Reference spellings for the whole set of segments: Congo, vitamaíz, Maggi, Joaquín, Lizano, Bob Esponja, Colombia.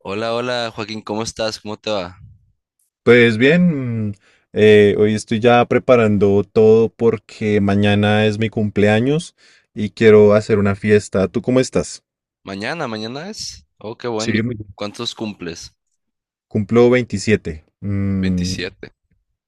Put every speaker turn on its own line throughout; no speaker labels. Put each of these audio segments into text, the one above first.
Hola, hola Joaquín, ¿cómo estás? ¿Cómo te va?
Pues bien, hoy estoy ya preparando todo porque mañana es mi cumpleaños y quiero hacer una fiesta. ¿Tú cómo estás?
Mañana, mañana es. Oh, qué
Sí,
bueno.
muy bien.
¿Cuántos cumples?
Cumplo 27.
27.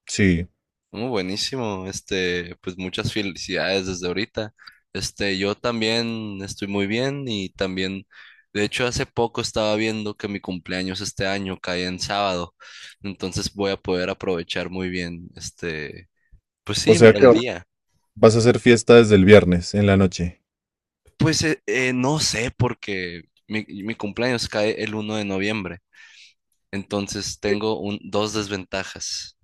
Sí.
Oh, buenísimo. Este, pues muchas felicidades desde ahorita. Este, yo también estoy muy bien y también, de hecho, hace poco estaba viendo que mi cumpleaños este año cae en sábado, entonces voy a poder aprovechar muy bien, este, pues sí,
O sea que
el día.
vas a hacer fiesta desde el viernes en la noche.
Pues no sé, porque mi cumpleaños cae el 1 de noviembre. Entonces tengo dos desventajas.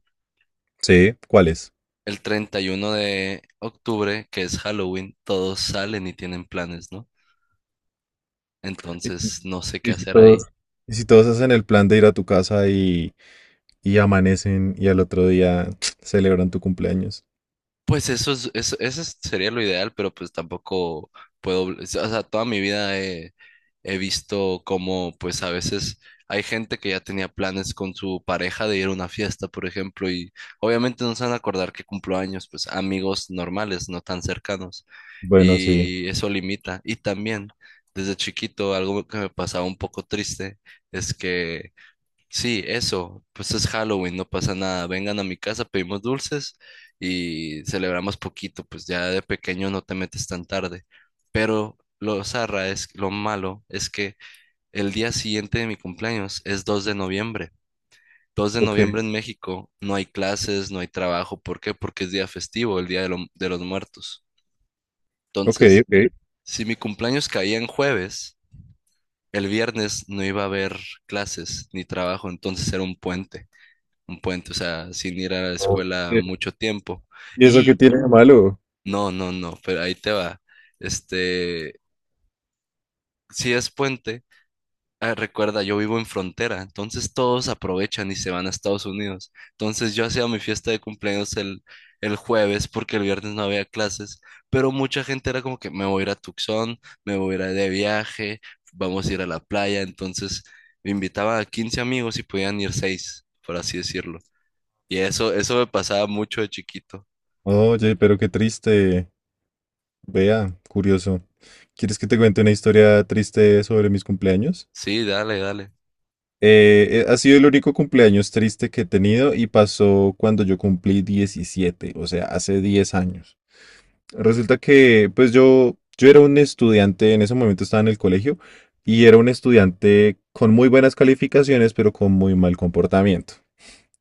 Sí, ¿cuáles?
El 31 de octubre, que es Halloween, todos salen y tienen planes, ¿no?
Y,
Entonces no sé qué
y si
hacer
todos,
ahí.
y si todos hacen el plan de ir a tu casa y amanecen y al otro día celebran tu cumpleaños.
Pues eso es, eso es- sería lo ideal, pero pues tampoco puedo, o sea, toda mi vida he visto cómo pues a veces hay gente que ya tenía planes con su pareja de ir a una fiesta, por ejemplo, y obviamente no se van a acordar que cumplo años, pues amigos normales, no tan cercanos,
Bueno, sí.
y eso limita. Y también, desde chiquito, algo que me pasaba un poco triste es que, sí, eso, pues es Halloween, no pasa nada. Vengan a mi casa, pedimos dulces y celebramos poquito, pues ya de pequeño no te metes tan tarde. Pero lo malo es que el día siguiente de mi cumpleaños es 2 de noviembre. Dos de
Ok,
noviembre en México no hay clases, no hay trabajo. ¿Por qué? Porque es día festivo, el día de los muertos.
ok,
Entonces, si mi cumpleaños caía en jueves, el viernes no iba a haber clases ni trabajo, entonces era un puente. Un puente, o sea, sin ir a la escuela
ok.
mucho tiempo.
¿Y eso qué
Y
tiene de malo?
no, no, no, pero ahí te va. Este, si es puente, ah, recuerda, yo vivo en frontera, entonces todos aprovechan y se van a Estados Unidos. Entonces yo hacía mi fiesta de cumpleaños el jueves porque el viernes no había clases, pero mucha gente era como que me voy a ir a Tucson, me voy a ir de viaje, vamos a ir a la playa, entonces me invitaba a 15 amigos y podían ir 6 por así decirlo. Y eso me pasaba mucho de chiquito.
Oye, pero qué triste. Vea, curioso. ¿Quieres que te cuente una historia triste sobre mis cumpleaños?
Sí, dale, dale.
Ha sido el único cumpleaños triste que he tenido y pasó cuando yo cumplí 17, o sea, hace 10 años. Resulta que, pues yo era un estudiante, en ese momento estaba en el colegio, y era un estudiante con muy buenas calificaciones, pero con muy mal comportamiento.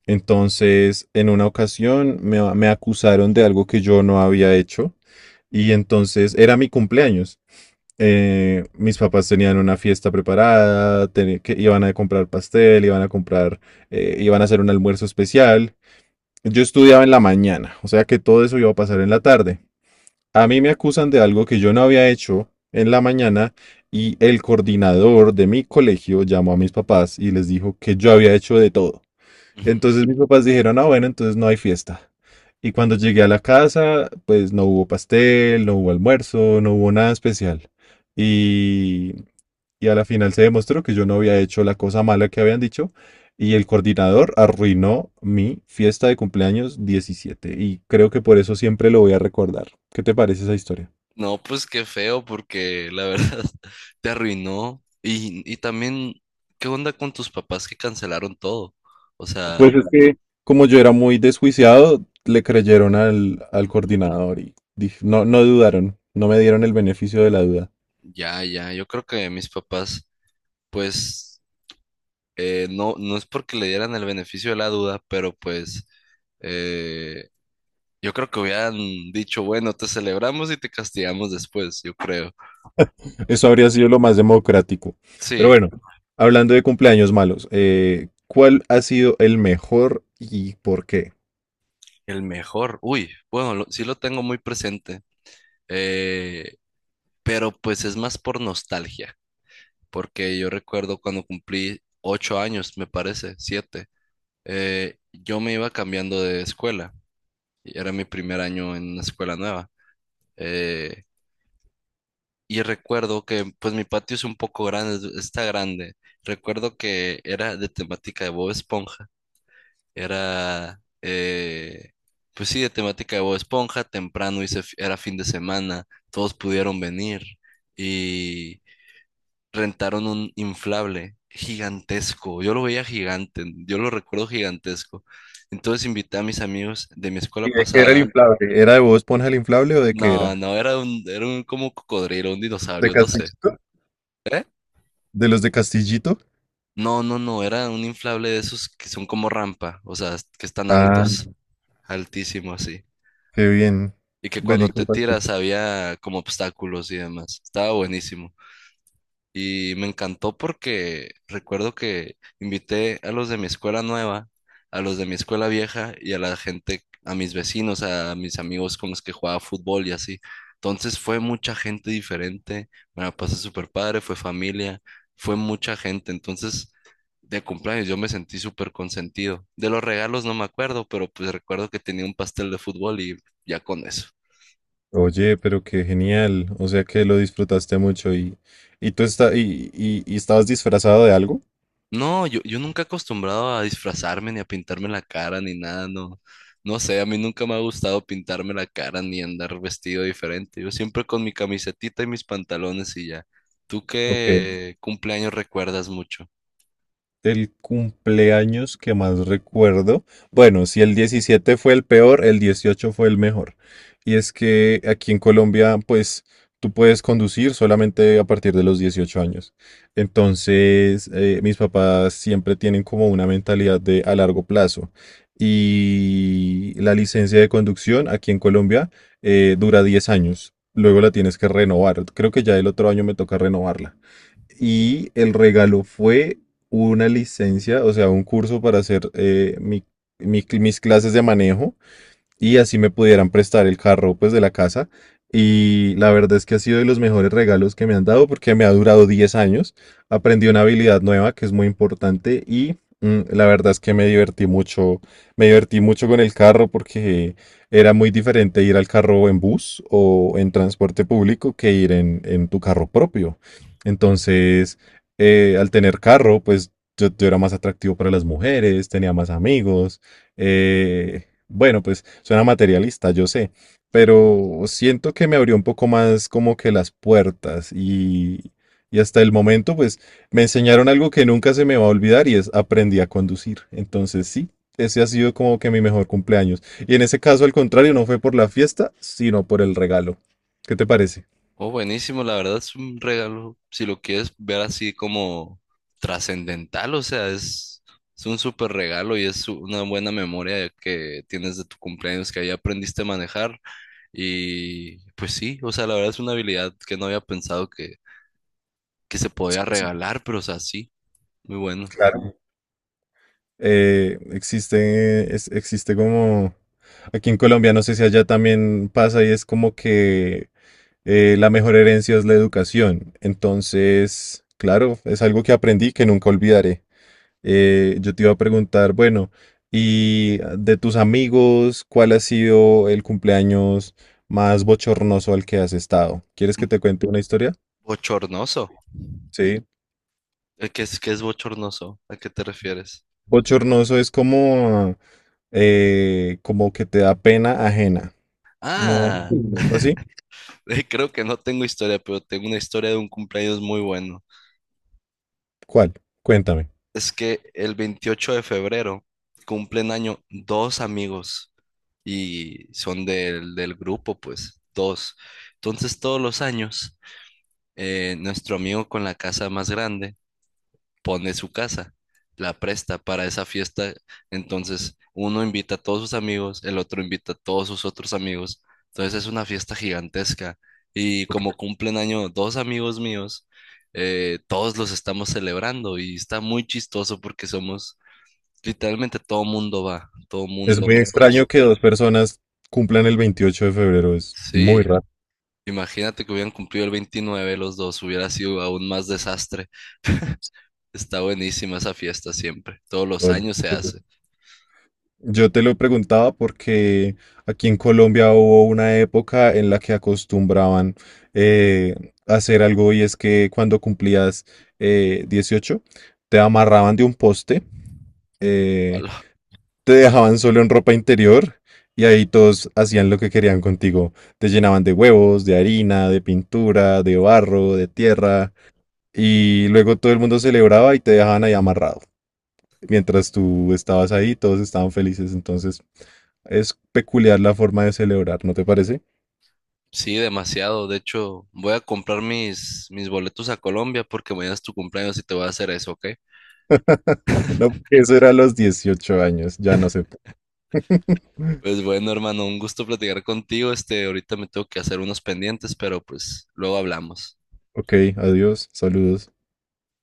Entonces, en una ocasión me acusaron de algo que yo no había hecho. Y entonces era mi cumpleaños. Mis papás tenían una fiesta preparada, que iban a comprar pastel, iban a hacer un almuerzo especial. Yo estudiaba en la mañana, o sea que todo eso iba a pasar en la tarde. A mí me acusan de algo que yo no había hecho en la mañana y el coordinador de mi colegio llamó a mis papás y les dijo que yo había hecho de todo.
Ujú.
Entonces mis papás dijeron: ah, bueno, entonces no hay fiesta. Y cuando llegué a la casa, pues no hubo pastel, no hubo almuerzo, no hubo nada especial. Y, y a la final se demostró que yo no había hecho la cosa mala que habían dicho. Y el coordinador arruinó mi fiesta de cumpleaños 17. Y creo que por eso siempre lo voy a recordar. ¿Qué te parece esa historia?
No, pues qué feo, porque la verdad te arruinó. Y también, ¿qué onda con tus papás que cancelaron todo? O
Pues
sea,
es que, como yo era muy desjuiciado, le creyeron al coordinador y no dudaron, no me dieron el beneficio de la duda.
ya, ya, yo creo que mis papás, pues, no, no es porque le dieran el beneficio de la duda, pero pues, eh, yo creo que hubieran dicho, bueno, te celebramos y te castigamos después, yo creo.
Eso habría sido lo más democrático. Pero
Sí.
bueno, hablando de cumpleaños malos, ¿cuál ha sido el mejor y por qué?
El mejor. Uy, bueno, sí lo tengo muy presente, eh, pero pues es más por nostalgia, porque yo recuerdo cuando cumplí 8 años, me parece, 7, yo me iba cambiando de escuela, y era mi primer año en una escuela nueva, eh, y recuerdo que pues mi patio es un poco grande, está grande, recuerdo que era de temática de Bob Esponja. Era, pues sí, de temática de Bob Esponja, temprano hice, era fin de semana, todos pudieron venir y rentaron un inflable gigantesco, yo lo veía gigante, yo lo recuerdo gigantesco. Entonces invité a mis amigos de mi escuela
¿Y de qué era el
pasada,
inflable? ¿Era de Bob Esponja el inflable o de qué
no,
era?
no, era un como cocodrilo, un
¿De
dinosaurio, no sé.
Castillito?
¿Eh?
¿De los de Castillito?
No, no, no, era un inflable de esos que son como rampa, o sea, que están
Ah,
altos, altísimo así.
qué bien.
Y que cuando
Vení, ¿qué
te
pasó?
tiras había como obstáculos y demás. Estaba buenísimo. Y me encantó porque recuerdo que invité a los de mi escuela nueva, a los de mi escuela vieja y a la gente, a mis vecinos, a mis amigos con los que jugaba fútbol y así. Entonces fue mucha gente diferente, me la pasé súper padre, fue familia, fue mucha gente. Entonces, de cumpleaños yo me sentí súper consentido. De los regalos no me acuerdo, pero pues recuerdo que tenía un pastel de fútbol y ya con eso.
Oye, pero qué genial. O sea que lo disfrutaste mucho y tú está, y estabas disfrazado de algo.
No, yo nunca he acostumbrado a disfrazarme ni a pintarme la cara ni nada, no. No sé, a mí nunca me ha gustado pintarme la cara ni andar vestido diferente. Yo siempre con mi camisetita y mis pantalones y ya. ¿Tú
Ok.
qué cumpleaños recuerdas mucho?
El cumpleaños que más recuerdo, bueno, si el 17 fue el peor, el 18 fue el mejor. Y es que aquí en Colombia, pues tú puedes conducir solamente a partir de los 18 años. Entonces, mis papás siempre tienen como una mentalidad de a largo plazo. Y la licencia de conducción aquí en Colombia dura 10 años. Luego la tienes que renovar. Creo que ya el otro año me toca renovarla. Y el regalo fue una licencia, o sea, un curso para hacer mis clases de manejo y así me pudieran prestar el carro pues de la casa. Y la verdad es que ha sido de los mejores regalos que me han dado porque me ha durado 10 años. Aprendí una habilidad nueva que es muy importante y la verdad es que me divertí mucho con el carro porque era muy diferente ir al carro en bus o en transporte público que ir en tu carro propio. Entonces, al tener carro, pues yo era más atractivo para las mujeres, tenía más amigos. eh, bueno, pues suena materialista, yo sé, pero siento que me abrió un poco más como que las puertas y hasta el momento pues me enseñaron algo que nunca se me va a olvidar y es aprendí a conducir. Entonces sí, ese ha sido como que mi mejor cumpleaños. Y en ese caso al contrario, no fue por la fiesta, sino por el regalo. ¿Qué te parece?
Oh, buenísimo, la verdad es un regalo. Si lo quieres ver así como trascendental, o sea, es un súper regalo y es una buena memoria que tienes de tu cumpleaños que ahí aprendiste a manejar. Y pues sí, o sea, la verdad es una habilidad que no había pensado que se podía
Sí,
regalar, pero o sea, sí, muy bueno.
claro. Existe como... Aquí en Colombia, no sé si allá también pasa y es como que la mejor herencia es la educación. Entonces, claro, es algo que aprendí que nunca olvidaré. Yo te iba a preguntar, bueno, y de tus amigos, ¿cuál ha sido el cumpleaños más bochornoso al que has estado? ¿Quieres que te cuente una historia?
Bochornoso.
Sí.
¿Qué es bochornoso? ¿A qué te refieres?
Bochornoso es como, como que te da pena ajena. No,
Ah,
algo así.
creo que no tengo historia, pero tengo una historia de un cumpleaños muy bueno.
¿Cuál? Cuéntame.
Es que el 28 de febrero cumplen año dos amigos y son del grupo, pues, dos. Entonces, todos los años, nuestro amigo con la casa más grande, pone su casa, la presta para esa fiesta. Entonces, uno invita a todos sus amigos, el otro invita a todos sus otros amigos. Entonces, es una fiesta gigantesca. Y como cumplen año dos amigos míos, todos los estamos celebrando y está muy chistoso porque somos, literalmente todo mundo va, todo
Es muy
mundo conoce.
extraño que dos personas cumplan el 28 de febrero. Es muy
Sí,
raro.
imagínate que hubieran cumplido el 29 los dos, hubiera sido aún más desastre. Está buenísima esa fiesta siempre, todos los
Oye,
años se hace.
yo te lo preguntaba porque aquí en Colombia hubo una época en la que acostumbraban eh, hacer algo y es que cuando cumplías 18 te amarraban de un poste, eh,
Ala.
te dejaban solo en ropa interior y ahí todos hacían lo que querían contigo. Te llenaban de huevos, de harina, de pintura, de barro, de tierra y luego todo el mundo celebraba y te dejaban ahí amarrado, mientras tú estabas ahí, todos estaban felices. Entonces, es peculiar la forma de celebrar, ¿no te parece?
Sí, demasiado. De hecho, voy a comprar mis boletos a Colombia porque mañana es tu cumpleaños y te voy a hacer eso, ¿ok?
No, porque eso era a los 18 años, ya no sé.
Pues bueno, hermano, un gusto platicar contigo. Este, ahorita me tengo que hacer unos pendientes, pero pues luego hablamos.
Ok, adiós, saludos.